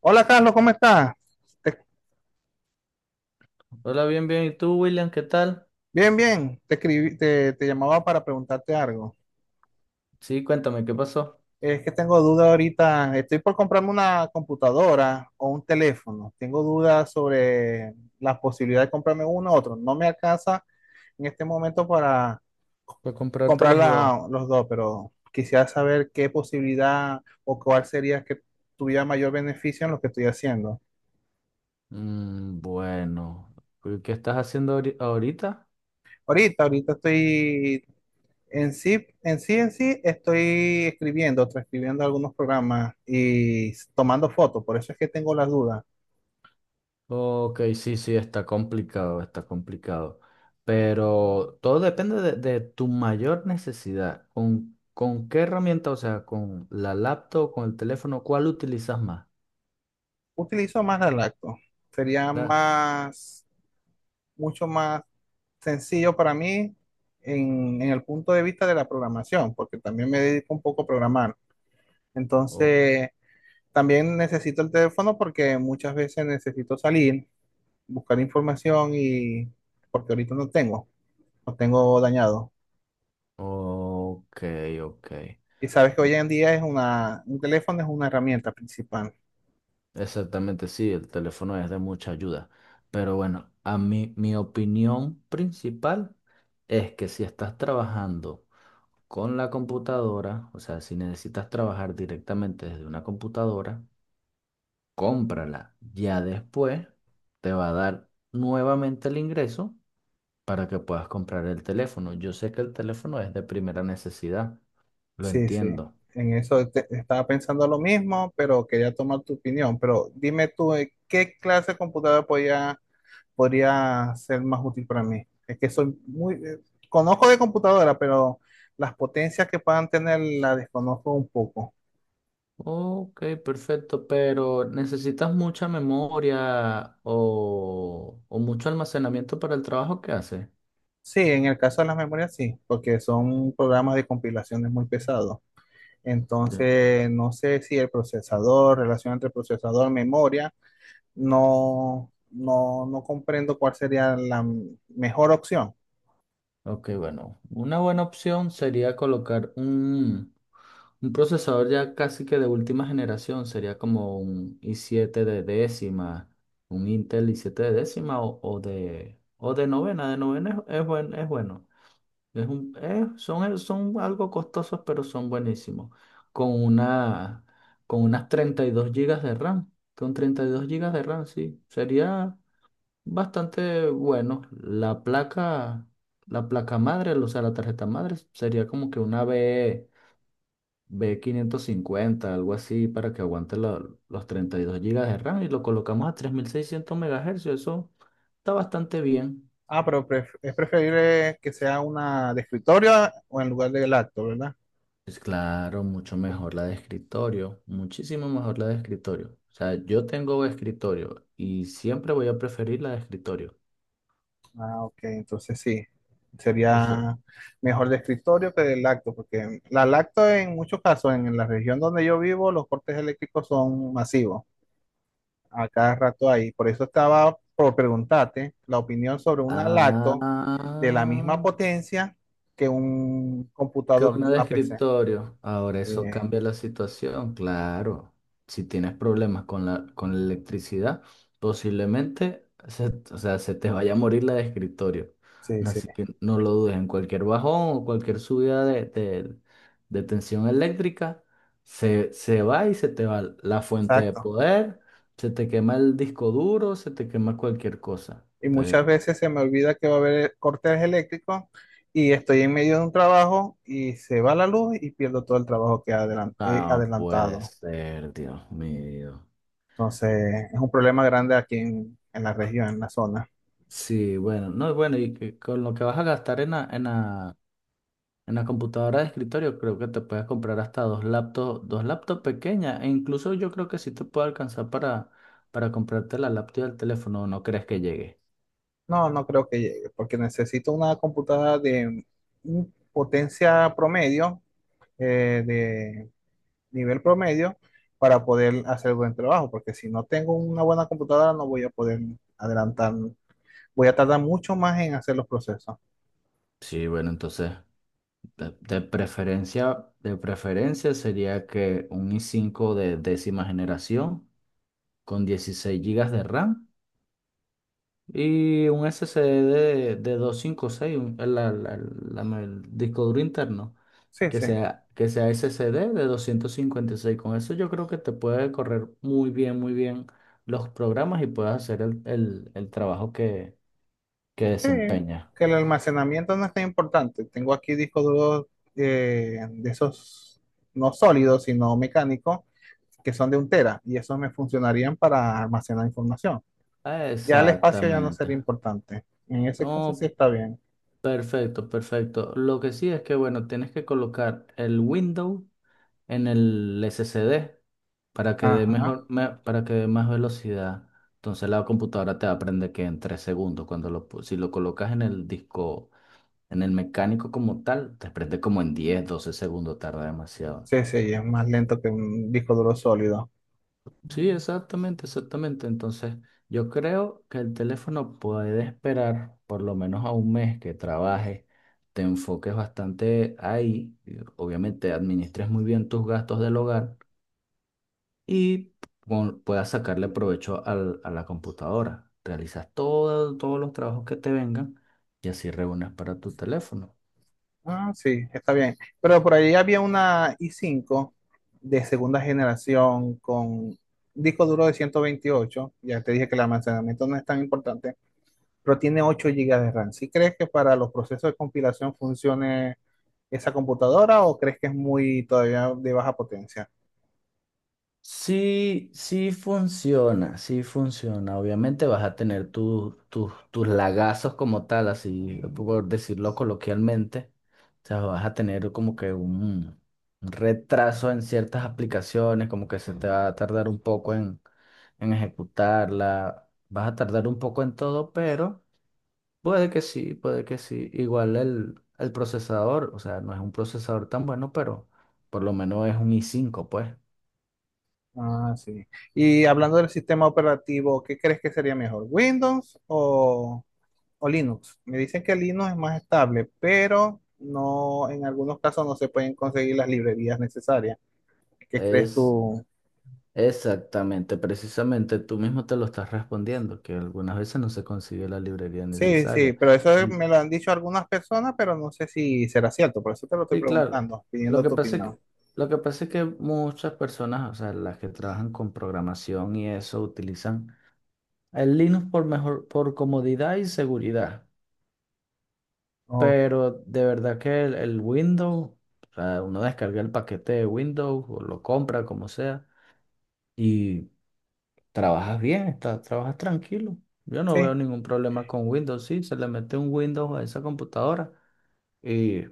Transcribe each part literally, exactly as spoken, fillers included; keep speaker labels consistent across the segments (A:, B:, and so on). A: Hola, Carlos, ¿cómo estás? Te-
B: Hola, bien, bien. ¿Y tú, William? ¿Qué tal?
A: bien, bien. Te escribí, te, te llamaba para preguntarte algo.
B: Sí, cuéntame, ¿qué pasó?
A: Es que tengo duda ahorita. Estoy por comprarme una computadora o un teléfono. Tengo dudas sobre la posibilidad de comprarme uno u otro. No me alcanza en este momento para
B: Para comprarte
A: comprar
B: los dos.
A: la- los dos, pero quisiera saber qué posibilidad o cuál sería que tuviera mayor beneficio en lo que estoy haciendo.
B: Mm, bueno, ¿qué qué estás haciendo ahori- ahorita?
A: Ahorita, ahorita estoy. En sí, en sí, en sí, estoy escribiendo, transcribiendo algunos programas y s- tomando fotos, por eso es que tengo las dudas.
B: Ok, sí, sí, está complicado, está complicado. Pero todo depende de, de tu mayor necesidad. ¿Con, con qué herramienta? O sea, ¿con la laptop, con el teléfono? ¿Cuál utilizas más?
A: Utilizo más la lacto. Sería
B: La-
A: más, mucho más sencillo para mí en, en el punto de vista de la programación, porque también me dedico un poco a programar.
B: o-
A: Entonces, también necesito el teléfono porque muchas veces necesito salir, buscar información y porque ahorita no tengo, no tengo dañado.
B: ok, ok.
A: Y sabes que hoy en día es una, un teléfono es una herramienta principal.
B: Exactamente, sí, el teléfono es de mucha ayuda. Pero bueno, a mí, mi opinión principal es que si estás trabajando con la computadora, o sea, si necesitas trabajar directamente desde una computadora, cómprala. Ya después te va a dar nuevamente el ingreso para que puedas comprar el teléfono. Yo sé que el teléfono es de primera necesidad, lo
A: Sí, sí.
B: entiendo.
A: En eso te- estaba pensando lo mismo, pero quería tomar tu opinión. Pero dime tú, eh, ¿qué clase de computadora podría, podría ser más útil para mí? Es que soy muy, eh, conozco de computadora, pero las potencias que puedan tener las desconozco un poco.
B: Ok, perfecto, pero ¿necesitas mucha memoria o, o mucho almacenamiento para el trabajo que haces?
A: Sí, en el caso de las memorias sí, porque son programas de compilaciones muy pesados.
B: Ya.
A: Entonces, no sé si el procesador, relación entre procesador, memoria. no, no, no comprendo cuál sería la mejor opción.
B: Ok, bueno, una buena opción sería colocar un, un procesador ya casi que de última generación, sería como un i siete de décima, un Intel i siete de décima o, o de, o de novena, de novena es, es buen- es bueno. Es un- eh, son, eh, son algo costosos, pero son buenísimos. Con una, con unas treinta y dos gigas de RAM. Con treinta y dos gigas de RAM, sí. Sería bastante bueno. La placa, la placa madre, o sea, la tarjeta madre, sería como que una B, b quinientos cincuenta algo así, para que aguante lo- los treinta y dos gigas de RAM. Y lo colocamos a tres mil seiscientos MHz. Eso está bastante bien.
A: Ah, pero pref- es preferible que sea una de escritorio o en lugar del acto, ¿verdad?
B: Pues claro, mucho mejor la de escritorio, muchísimo mejor la de escritorio. O sea, yo tengo escritorio y siempre voy a preferir la de escritorio.
A: Ah, ok, entonces sí,
B: O sea,
A: sería mejor de escritorio que del lacto, porque la lacto en muchos casos, en la región donde yo vivo, los cortes eléctricos son masivos, a cada rato ahí. Por eso estaba por preguntarte la opinión sobre una lacto de la misma
B: ah,
A: potencia que un
B: que
A: computador,
B: una de
A: una P C.
B: escritorio. Ahora
A: Sí,
B: eso cambia la situación, claro. Si tienes problemas con la, con la electricidad, posiblemente se, o sea, se te vaya a morir la de escritorio.
A: sí, sí,
B: Así que no lo dudes, en cualquier bajón o cualquier subida de, de- de tensión eléctrica, se, se va y se te va la fuente de
A: exacto.
B: poder, se te quema el disco duro, se te quema cualquier cosa.
A: Y muchas
B: Entonces,
A: veces se me olvida que va a haber cortes eléctricos y estoy en medio de un trabajo y se va la luz y pierdo todo el trabajo que adelan- he
B: no puede
A: adelantado.
B: ser, Dios mío.
A: Entonces, es un problema grande aquí en, en la región, en la zona.
B: Sí, bueno, no, bueno, y que con lo que vas a gastar en la, en la, en la computadora de escritorio, creo que te puedes comprar hasta dos laptops, dos laptops pequeñas, e incluso yo creo que sí te puede alcanzar para, para comprarte la laptop y el teléfono, ¿no crees que llegue?
A: No, no creo que llegue, porque necesito una computadora de un potencia promedio, eh, de nivel promedio, para poder hacer buen trabajo, porque si no tengo una buena computadora no voy a poder adelantar, voy a tardar mucho más en hacer los procesos.
B: Sí, bueno, entonces, de, de preferencia, de preferencia sería que un i cinco de décima generación con dieciséis gigas de RAM y un S S D de, de doscientos cincuenta y seis, un- el, el- la la- el disco duro interno.
A: Sí,
B: Que
A: sí.
B: sea, que sea S S D de doscientos cincuenta y seis. Con eso yo creo que te puede correr muy bien, muy bien los programas y puedes hacer el, el- el trabajo que, que
A: Sí,
B: desempeña.
A: que el almacenamiento no es tan importante. Tengo aquí discos duros eh, de esos, no sólidos, sino mecánicos, que son de un tera, y esos me funcionarían para almacenar información. Ya el espacio ya no
B: Exactamente.
A: sería importante. En ese caso sí
B: No,
A: está bien.
B: perfecto, perfecto. Lo que sí es que, bueno, tienes que colocar el Windows en el S S D para que dé
A: Ajá.
B: mejor, me- para que dé más velocidad. Entonces la computadora te aprende que en tres segundos, cuando lo, pu- si lo colocas en el disco. En el mecánico como tal, te prende como en diez, doce segundos, tarda demasiado.
A: Sí, sí, es más lento que un disco duro sólido.
B: Sí, exactamente, exactamente. Entonces, yo creo que el teléfono puede esperar por lo menos a un mes que trabajes, te enfoques bastante ahí, y obviamente administres muy bien tus gastos del hogar y pon- puedas sacarle provecho al- a la computadora. Realizas todo- todos los trabajos que te vengan y así reúnes para tu teléfono.
A: Ah, sí, está bien. Pero por ahí había una i cinco de segunda generación con disco duro de ciento veintiocho. Ya te dije que el almacenamiento no es tan importante, pero tiene ocho gigas de RAM. ¿Sí crees que para los procesos de compilación funcione esa computadora o crees que es muy todavía de baja potencia?
B: Sí, sí funciona, sí funciona. Obviamente vas a tener tus tus tus lagazos como tal, así por decirlo coloquialmente. O sea, vas a tener como que un retraso en ciertas aplicaciones, como que se te va a tardar un poco en, en ejecutarla. Vas a tardar un poco en todo, pero puede que sí, puede que sí. Igual el, el procesador, o sea, no es un procesador tan bueno, pero por lo menos es un i cinco, pues.
A: Ah, sí. Y hablando del sistema operativo, ¿qué crees que sería mejor, Windows o Linux? Me dicen que Linux es más estable, pero no, en algunos casos no se pueden conseguir las librerías necesarias. ¿Qué crees
B: Es
A: tú?
B: Exactamente, precisamente tú mismo te lo estás respondiendo, que algunas veces no se consigue la librería
A: Sí, sí,
B: necesaria.
A: pero eso
B: Y,
A: me lo han dicho algunas personas, pero no sé si será cierto, por eso te lo estoy
B: y claro,
A: preguntando,
B: lo
A: pidiendo
B: que
A: tu
B: pasa es
A: opinión.
B: que, lo que pasa es que muchas personas, o sea, las que trabajan con programación y eso, utilizan el Linux por mejor, por comodidad y seguridad.
A: Ojo,
B: Pero de verdad que el, el Windows, o sea, uno descarga el paquete de Windows o lo compra, como sea. Y trabajas bien, está- trabajas tranquilo. Yo no veo
A: sí,
B: ningún problema con Windows. Sí, se le mete un Windows a esa computadora y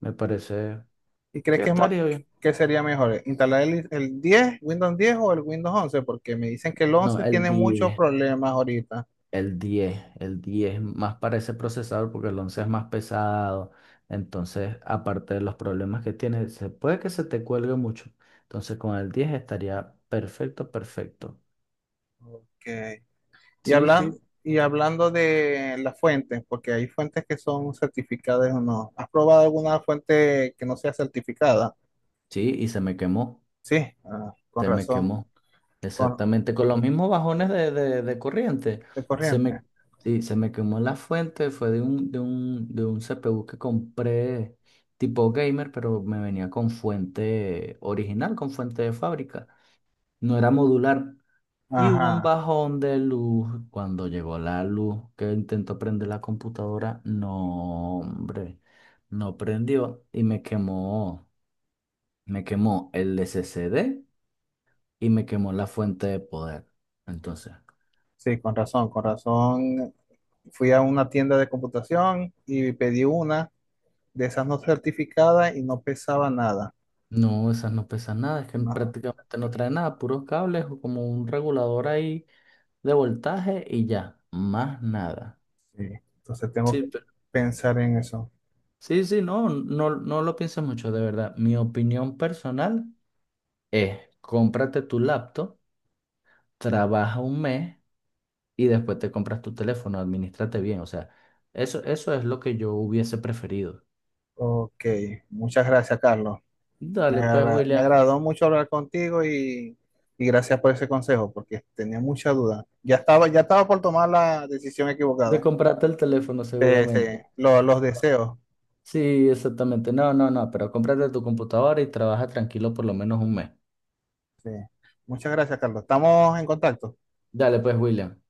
B: me parece
A: ¿y crees
B: que
A: que es más,
B: estaría bien.
A: que sería mejor instalar el, el diez, Windows diez o el Windows once? Porque me dicen que el
B: No,
A: once
B: el
A: tiene muchos
B: diez,
A: problemas ahorita.
B: el diez, el diez más para ese procesador porque el once es más pesado. Entonces, aparte de los problemas que tiene, se puede que se te cuelgue mucho. Entonces, con el diez estaría perfecto, perfecto.
A: Ok. Y,
B: Sí,
A: hablan,
B: sí.
A: y hablando de las fuentes, porque hay fuentes que son certificadas o no. ¿Has probado alguna fuente que no sea certificada?
B: Sí, y se me quemó,
A: Sí, ah, con
B: se me
A: razón.
B: quemó.
A: Con,
B: Exactamente, con los mismos bajones de, de- de corriente.
A: de
B: Se me,
A: corriente.
B: sí, se me quemó la fuente, fue de un, de un, de un C P U que compré tipo gamer, pero me venía con fuente original, con fuente de fábrica. No era modular. Y hubo un
A: Ajá,
B: bajón de luz. Cuando llegó la luz que intentó prender la computadora, no, hombre, no prendió y me quemó, me quemó el S S D y me quemó la fuente de poder. Entonces.
A: sí, con razón, con razón. Fui a una tienda de computación y pedí una de esas no certificadas y no pesaba nada.
B: No, esas no pesan nada, es que
A: No,
B: prácticamente no trae nada, puros cables o como un regulador ahí de voltaje y ya, más nada.
A: sí. Entonces tengo
B: Sí,
A: que
B: pero...
A: pensar en eso.
B: Sí, sí, no, no, no lo pienses mucho, de verdad. Mi opinión personal es, cómprate tu laptop, trabaja un mes y después te compras tu teléfono, administrate bien, o sea, eso, eso es lo que yo hubiese preferido.
A: Ok, muchas gracias, Carlos. Me,
B: Dale, pues,
A: agra- me
B: William,
A: agradó mucho hablar contigo y, y gracias por ese consejo, porque tenía mucha duda. Ya estaba, ya estaba por tomar la decisión
B: de
A: equivocada.
B: comprarte el teléfono
A: Eh,
B: seguramente.
A: sí, lo- los deseos.
B: Sí, exactamente. No, no, no, pero cómprate tu computadora y trabaja tranquilo por lo menos un mes.
A: Sí. Muchas gracias, Carlos. Estamos en contacto.
B: Dale, pues, William.